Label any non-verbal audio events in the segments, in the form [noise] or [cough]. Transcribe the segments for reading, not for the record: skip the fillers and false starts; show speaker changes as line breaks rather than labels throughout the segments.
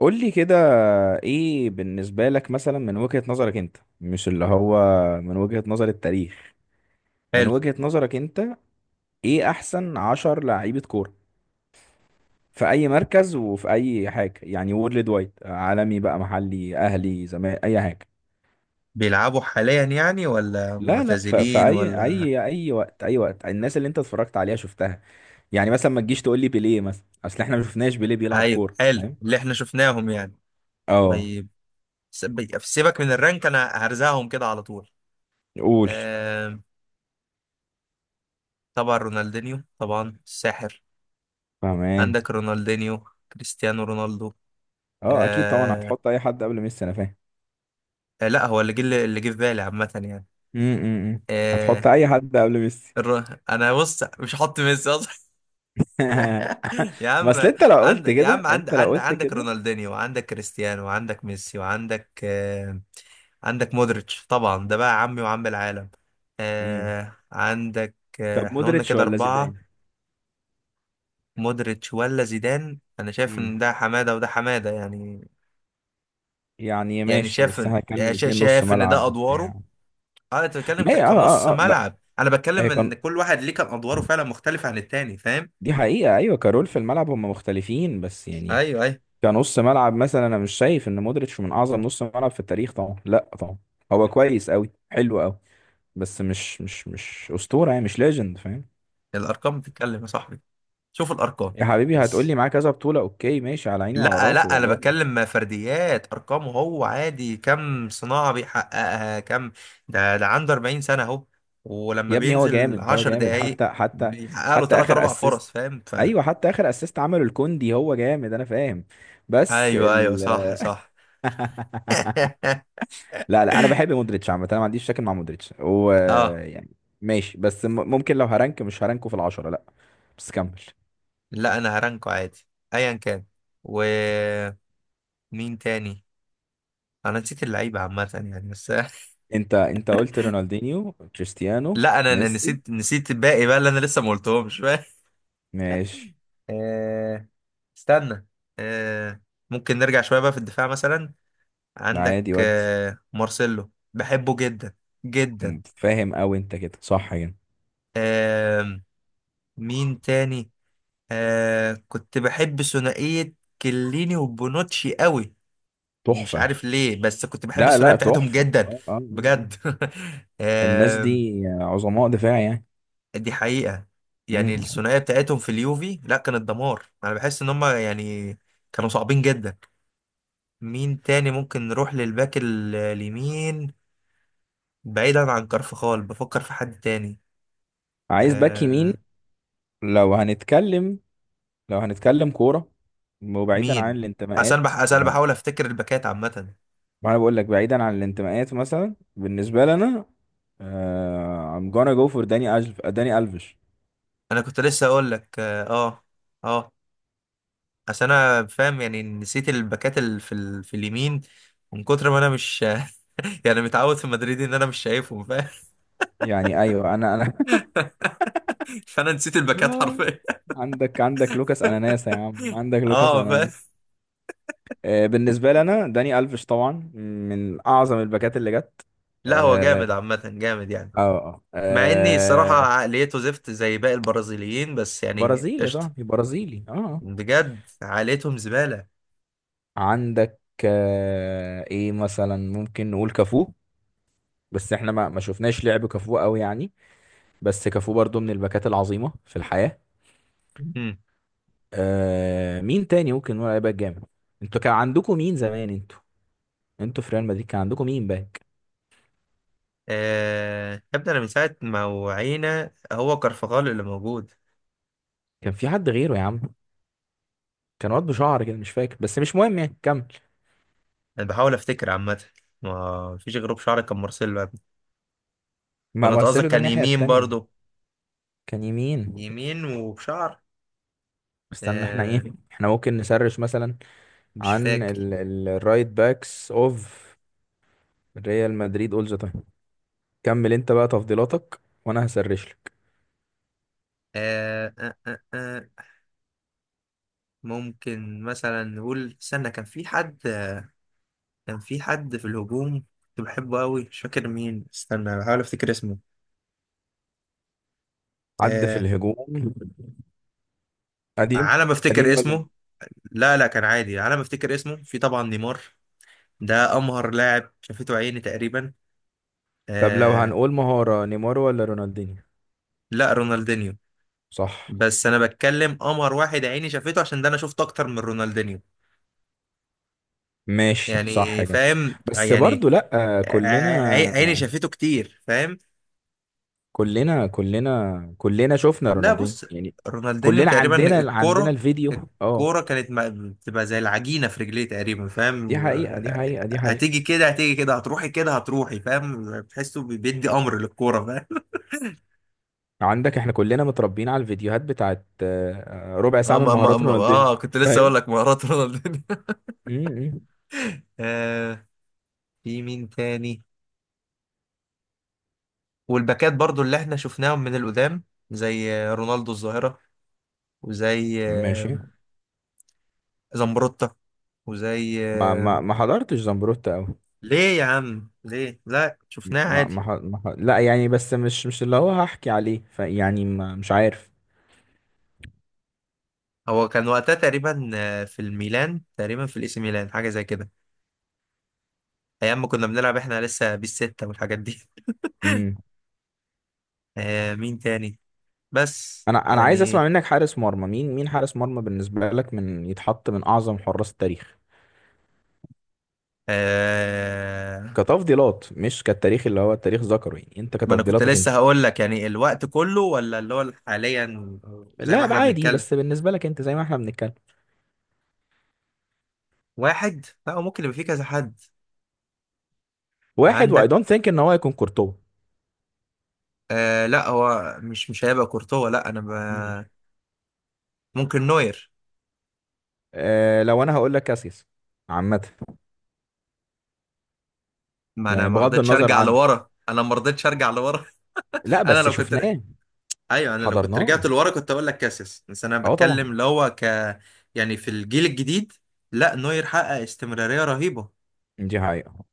قول لي كده. ايه بالنسبة لك مثلا من وجهة نظرك انت، مش اللي هو من وجهة نظر التاريخ، من
حلو.
وجهة نظرك انت؟ ايه احسن عشر لعيبة كورة في اي مركز وفي اي حاجة، يعني وورلد وايد عالمي بقى، محلي، اهلي، زمان، اي حاجة.
بيلعبوا حاليا يعني ولا
لا لا، ف- في
معتزلين
اي
ولا؟
اي اي وقت، اي وقت، الناس اللي انت اتفرجت عليها شفتها. يعني مثلا ما تجيش تقول لي بيليه مثلا، اصل احنا ما شفناش بيليه بيلعب
ايوه،
كورة،
حلو،
فاهم.
اللي احنا شفناهم يعني.
اه.
طيب، سيبك من الرانك، انا هرزعهم كده على طول.
قول.
آم، طبعا رونالدينيو، طبعا الساحر.
فاهمان.
عندك رونالدينيو، كريستيانو رونالدو.
اه اكيد طبعا،
آه
هتحط اي حد قبل ميسي انا فاهم.
لا، هو اللي جه في بالي عامة يعني.
امم
آه
هتحط اي حد قبل ميسي؟
انا بص، مش حاطط ميسي اصلا.
[laughs]
يا
بس
عم،
انت لو
عند
قلت
يا عم
كده،
عند
انت لو
عند
قلت
عندك
كده.
رونالدينيو، وعندك كريستيانو، وعندك ميسي، وعندك عندك مودريتش، طبعا ده بقى عمي وعم العالم.
امم
عندك.
طب
احنا قلنا
مودريتش
كده
ولا
أربعة.
زيدان؟
مودريتش ولا زيدان؟ أنا شايف
امم
إن ده حمادة وده حمادة يعني.
يعني
يعني
ماشي، بس هنتكلم الاثنين نص
شايف إن ده
ملعب
أدواره.
وبتاع.
أنت بتتكلم
ما هي- اه
كنص
اه اه بقى.
ملعب، أنا
هي
بتكلم
كان،
إن كل واحد ليه كان أدواره فعلا مختلفة عن التاني، فاهم؟
دي حقيقة ايوه، كارول في الملعب هم مختلفين بس
أيوه،
يعني.
أيوه.
كنص ملعب مثلا انا مش شايف ان مودريتش من اعظم نص ملعب في التاريخ، طبعا لا طبعا هو كويس قوي، حلو قوي، بس مش اسطورة يعني، مش ليجند فاهم.
الأرقام بتتكلم يا صاحبي، شوف الأرقام.
يا حبيبي
بس
هتقولي معاه كذا بطولة، اوكي ماشي، على عيني وعلى
لا،
راسي
لا، انا
والله.
بتكلم فرديات، ارقامه هو عادي، كم صناعة بيحققها، كم؟ ده عنده 40 سنة اهو، ولما
يا ابني هو
بينزل
جامد، هو
10
جامد،
دقايق
حتى
بيحقق له
حتى
3
اخر
4
اسيست.
فرص، فاهم؟ ف...
ايوه، حتى اخر اسيست عمله الكوندي، هو جامد انا فاهم. بس
ايوه، ايوه، صح، صح. [laughs]
لا لا، انا بحب مودريتش عامة، انا ما عنديش مشاكل مع مودريتش هو،
اه،
يعني ماشي، بس ممكن لو هرانك، مش هرانكه في العشرة لا. بس كمل.
لا انا هرانكو عادي. ايا كان. ومين تاني؟ انا نسيت اللعيبة عامة يعني، بس. [laughs]
انت قلت رونالدينيو، كريستيانو،
لا، انا
ميسي.
نسيت الباقي بقى اللي انا لسه ما قلتهمش. [laughs]
ماشي.
آه، استنى، آه، ممكن نرجع شوية بقى في الدفاع مثلا. عندك
عادي ودي.
مارسيلو، بحبه جدا جدا.
فاهم قوي، انت كده صح كده.
آم، مين تاني؟ كنت بحب ثنائية كليني وبونوتشي قوي. مش
تحفة.
عارف ليه، بس كنت بحب
لا
الثنائية
لا
بتاعتهم
تحفة،
جدا.
اه اه آه. آه.
بجد. [laughs]
الناس
آم،
دي عظماء دفاع يعني.
دي حقيقة. يعني
مم.
الثنائية بتاعتهم في اليوفي، لا كانت دمار، انا بحس ان هم يعني كانوا صعبين جدا. مين تاني؟ ممكن نروح للباك اليمين، بعيدا عن كارفخال، بفكر في حد تاني.
عايز باك يمين؟
آه
لو هنتكلم، لو هنتكلم كورة وبعيدا
مين؟
عن الانتماءات.
عشان
ما انا،
بحاول افتكر الباكات عامة.
ما أنا بقول لك بعيدا عن الانتماءات مثلا بالنسبة لنا آه I'm gonna go for داني ألف، داني ألفيش.
انا كنت لسه اقول لك، اه، اه، آه. عشان انا فاهم، يعني نسيت الباكات في اليمين، من كتر ما انا مش... [laughs] يعني متعود في مدريد ان انا مش شايفهم، فاهم؟
يعني ايوه، انا [laughs]
[laughs] فانا نسيت الباكات
آه،
حرفيا.
عندك، عندك لوكاس اناناس يا عم، عندك
[laughs]
لوكاس
اه، فاهم.
اناناس. آه بالنسبة لنا داني ألفيش طبعا من اعظم الباكات اللي جت.
لا هو
اه.
جامد عامة، جامد يعني.
اه
مع اني الصراحة عقليته زفت زي باقي البرازيليين، بس يعني
برازيلي يا
قشطة.
صاحبي، برازيلي اه.
بجد، عائلتهم زبالة.
عندك آه ايه مثلا، ممكن نقول كافو، بس احنا ما شفناش لعب كافو قوي يعني، بس كافو برضو من الباكات العظيمة في الحياة.
مم.
آه، مين تاني ممكن نقول عليه باك جامد؟ انتوا كان عندكم مين زمان انتوا؟ انتوا في ريال مدريد كان عندكم مين باك؟
يا ابني، أنا من ساعة ما وعينا هو كرفغال اللي موجود.
كان في حد غيره يا عم، كان واد بشعر كده مش فاكر، بس مش مهم يعني كمل.
أنا بحاول أفتكر عامة. ما فيش غيره بشعر، كان مارسيلو يا ابني.
ما
وأنا، أنت قصدك
مارسيلو ده
كان
الناحية
يمين
التانية.
برضو؟
كان يمين.
يمين وبشعر.
استنى، احنا ايه،
آه...
احنا ممكن نسرش مثلا
مش
عن
فاكر.
الرايت باكس اوف ريال مدريد اول ذا تايم. كمل انت بقى تفضيلاتك وانا هسرش لك.
آه... آه... آه... آه. ممكن مثلا نقول، استنى، كان في حد. كان في حد في الهجوم، كنت بحبه أوي، مش فاكر مين، استنى بحاول أفتكر اسمه.
عد في
آه...
الهجوم. قديم.
على ما أفتكر
قديم ولا
اسمه.
جديد؟
لا، لا، كان عادي، على ما افتكر اسمه في طبعا نيمار. ده امهر لاعب شافته عيني تقريبا.
طب لو
آه
هنقول مهارة، نيمار ولا رونالدينيو؟
لا، رونالدينيو.
صح.
بس انا بتكلم امهر واحد عيني شافته، عشان ده انا شفت اكتر من رونالدينيو.
ماشي صح
يعني
كده.
فاهم
بس
يعني.
برضو لا، كلنا
عيني شافته كتير، فاهم؟
كلنا كلنا كلنا شفنا
لا
رونالدينيو
بص،
يعني.
رونالدينيو
كلنا
تقريبا
عندنا
الكوره،
الفيديو اه.
الكوره كانت بتبقى زي العجينه في رجليه تقريبا، فاهم؟
دي حقيقة.
هتيجي كده، هتيجي كده، هتروحي كده، هتروحي، فاهم؟ بتحسه بيدي امر للكوره، فاهم؟
عندك، احنا كلنا متربيين على الفيديوهات بتاعت ربع
اه،
ساعة من
ما ما
مهارات
ما
رونالدينيو
اه كنت لسه اقول
فاهم.
لك مهارات رونالدينيو.
م- م.
[laughs] آه في مين تاني؟ والباكات برضو اللي احنا شفناهم من القدام، زي رونالدو الظاهرة، وزي
ماشي.
زمبروتا، وزي
ما ما ما حضرتش زمبروتا قوي.
ليه يا عم ليه؟ لا، شفناه
ما
عادي.
ما, ح- ما ح- لا يعني، بس مش مش اللي هو هحكي عليه فيعني، ما مش عارف.
هو كان وقتها تقريبا في الميلان، تقريبا في الاي سي ميلان، حاجة زي كده. ايام ما كنا بنلعب احنا لسه بالستة والحاجات دي.
امم
[laughs] مين تاني؟ بس
انا عايز اسمع
يعني،
منك حارس مرمى، مين حارس مرمى بالنسبه لك من يتحط من اعظم حراس التاريخ،
آه
كتفضيلات مش كالتاريخ اللي هو التاريخ ذكره، يعني انت
ما انا كنت
كتفضيلاتك
لسه
انت.
هقول لك، يعني الوقت كله ولا اللي هو حاليا، زي ما
لا
احنا
بقى عادي،
بنتكلم؟
بس بالنسبه لك انت زي ما احنا بنتكلم.
واحد، لا هو ممكن يبقى فيه كذا حد.
واحد، واي
عندك.
دونت ثينك ان هو هيكون كورتوا.
لا، هو مش هيبقى كورتوا، لا انا
امم
ممكن نوير.
أه لو انا هقول لك كاسياس عامه.
ما انا
يعني
ما
بغض
رضيتش
النظر
ارجع
عن،
لورا، انا ما رضيتش ارجع لورا.
لا
[laughs] انا
بس
لو كنت...
شفناه،
ايوه انا لو كنت
حضرناه.
رجعت لورا كنت اقول لك كاسيس، بس انا
اه طبعا.
بتكلم اللي هو ك... يعني في الجيل الجديد، لا نوير حقق استمرارية رهيبة،
دي حقيقة.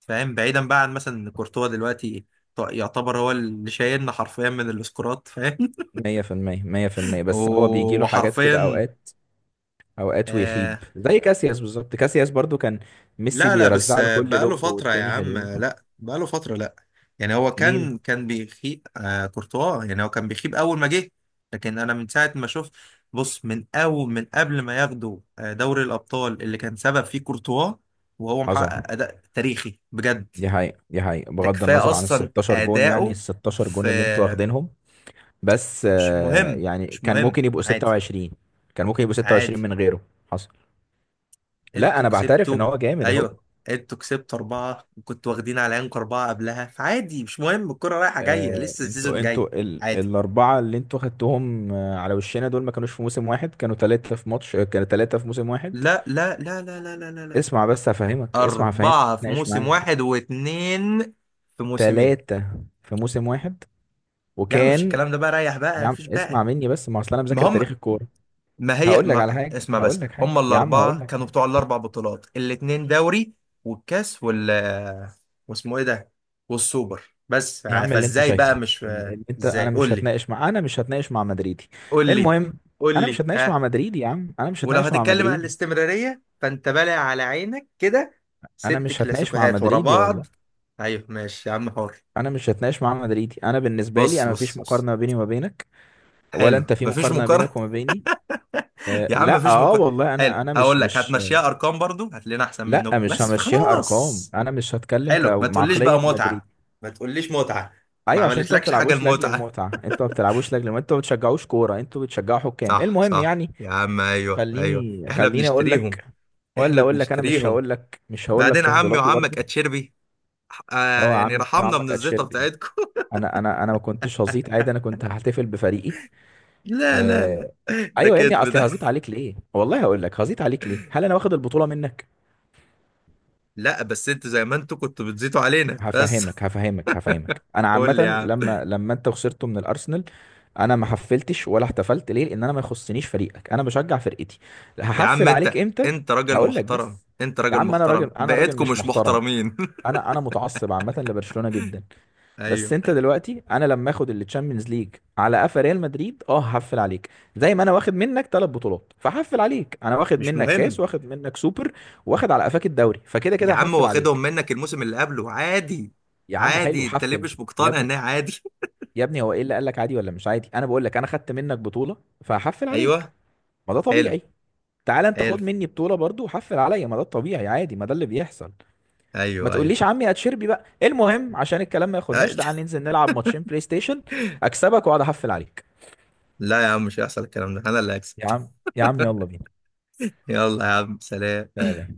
فاهم؟ بعيدا بقى عن مثلا ان كورتوا دلوقتي يعتبر هو اللي شايلنا حرفيا من الاسكورات، فاهم؟
مية في المية، مية في المية،
[laughs]
بس هو بيجي له حاجات كده
وحرفيا
أوقات، أوقات ويخيب
آه
زي كاسياس بالظبط. كاسياس برضو كان ميسي
لا، لا، بس
بيرزع له كل
بقاله
لوب،
فترة يا
والتاني
عم،
حلوين.
لا بقاله فترة، لا. يعني هو كان
مين؟
كان بيخيب كورتوا، يعني هو كان بيخيب أول ما جه. لكن أنا من ساعة ما شفت، بص، من أول، من قبل ما ياخدوا دوري الأبطال اللي كان سبب فيه كورتوا وهو
حصل.
محقق أداء تاريخي بجد.
دي حقيقة، دي حقيقة،
ده
بغض
كفاية
النظر عن ال
أصلا
16 جون، يعني ال
أداؤه
16
في...
جون اللي انتوا واخدينهم. بس
مش
آه،
مهم،
يعني
مش
كان
مهم.
ممكن يبقوا
عادي.
26، كان ممكن يبقوا 26
عادي،
من غيره. حصل. لا
انتوا
أنا بعترف إن
كسبتوا.
هو جامد أهو.
ايوه، انتوا كسبتوا اربعة، وكنتوا واخدين على عينكم اربعة قبلها، فعادي مش مهم، الكرة رايحة جاية، لسه السيزون
انتوا،
جاي. عادي.
الاربعه اللي انتوا خدتوهم على وشنا دول ما كانوش في موسم واحد، كانوا ثلاثه في ماتش، كانوا ثلاثه في موسم واحد.
لا، لا، لا، لا، لا، لا، لا، لا.
اسمع بس هفهمك، اسمع هفهمك،
أربعة في
اتناقش
موسم
معايا.
واحد، واتنين في موسمين.
ثلاثه في موسم واحد،
يا عم مفيش
وكان.
الكلام ده بقى، ريح بقى،
يا عم
مفيش بقى.
اسمع مني بس، ما اصل انا
ما
مذاكر تاريخ
هم،
الكوره.
ما هي،
هقول لك على
ما
حاجه،
اسمع بس،
هقول لك حاجه
هم
يا عم، هقول
الأربعة
لك
كانوا
حاجه.
بتوع الأربع بطولات، الاتنين دوري والكاس وال... واسمه إيه ده؟ والسوبر، بس
يا عم اللي انت
فإزاي بقى
شايفه،
مش...
ال- اللي انت انا
إزاي؟ قول
مش
لي.
هتناقش مع، انا مش هتناقش مع مدريدي.
قول لي.
المهم،
قول
انا مش
لي
هتناقش مع
ها.
مدريدي يا عم، انا مش
ولو
هتناقش مع
هتتكلم عن
مدريدي،
الاستمرارية فأنت بالع على عينك كده.
انا
ست
مش هتناقش مع
كلاسيكوهات ورا
مدريدي
بعض.
والله.
أيوه ماشي يا عم، حر.
انا مش هتناقش مع مدريدي، انا بالنسبه لي
بص،
انا مفيش
بص، بص،
مقارنه بيني وما بينك، ولا
حلو،
انت في
مفيش
مقارنه
مقارنة.
بينك وما بيني.
[laughs]
أه
يا عم
لا
مفيش
اه
مقارنة.
والله،
حلو،
انا انا مش
هقول لك
مش.
هتمشيها أرقام برضو هتلاقينا أحسن
لا
منكم،
مش
بس
همشيها ارقام،
فخلاص.
انا مش هتكلم
حلو، ما تقوليش بقى
كمعقليه مدريد.
متعة، ما تقوليش متعة. ما
ايوه، عشان انتوا ما
عملتلكش حاجة
بتلعبوش لاجل
المتعة.
المتعه، انتوا ما بتلعبوش لاجل المتعه، انتوا ما بتشجعوش كوره، انتوا بتشجعوا حكام
صح،
المهم
صح،
يعني.
يا عم، ايوه، ايوه،
خليني
احنا
خليني اقول
بنشتريهم.
لك،
احنا
ولا اقول لك، انا مش
بنشتريهم،
هقول لك، مش هقول لك
بعدين عمي
تفضيلاتي
وعمك
برضه.
اتشربي.
هو
يعني
عمي
رحمنا من
وعمك
الزيطة
اتشربي،
بتاعتكم.
انا ما كنتش هزيط عادي، انا كنت هحتفل بفريقي.
[laughs] لا، لا، لا،
آه...
ده
ايوه يا ابني،
كذب
اصلي
ده.
هزيط عليك ليه والله، هقول لك هزيط عليك ليه، هل انا واخد البطوله منك؟
لا، بس انتوا زي ما انتوا كنتوا بتزيتوا علينا بس. [laughs]
هفهمك انا
قول لي يا
عامه،
عم.
لما انت خسرته من الارسنال انا ما حفلتش ولا احتفلت، ليه؟ لان انا ما يخصنيش فريقك، انا بشجع فرقتي،
يا عم،
هحفل عليك
انت
امتى؟
انت راجل
هقول لك
محترم،
بس،
انت
يا
راجل
عم انا راجل،
محترم،
انا راجل
بقيتكم
مش
مش
محترم،
محترمين.
انا متعصب عامه لبرشلونه جدا.
[laughs]
بس
ايوه،
انت دلوقتي انا لما اخد التشامبيونز ليج على قفا ريال مدريد اه هحفل عليك، زي ما انا واخد منك ثلاث بطولات فهحفل عليك، انا واخد
مش
منك كاس،
مهم.
واخد منك سوبر، واخد على قفاك الدوري، فكده
يا
كده
عم
هحفل عليك.
واخدهم منك الموسم اللي قبله، عادي.
يا عم
عادي،
حلو،
انت ليه
حفل.
مش
يا
مقتنع
ابني
انها عادي؟
يا ابني هو ايه اللي قال لك عادي ولا مش عادي؟ انا بقول لك انا خدت منك بطولة فهحفل
[laughs]
عليك،
ايوه،
ما ده
حلو.
طبيعي. تعالى انت
حلو،
خد مني بطولة برضو وحفل عليا، ما ده الطبيعي، عادي، ما ده اللي بيحصل. ما
ايوه، ايوه.
تقوليش عمي اتشربي بقى، المهم عشان الكلام ما ياخدناش، تعال
[laughs]
ننزل نلعب ماتشين بلاي ستيشن، اكسبك واقعد احفل عليك.
لا يا عم، مش هيحصل الكلام ده، انا اللي هكسب.
يا عم يلا بينا.
يلا يا عم، سلام.
لا لا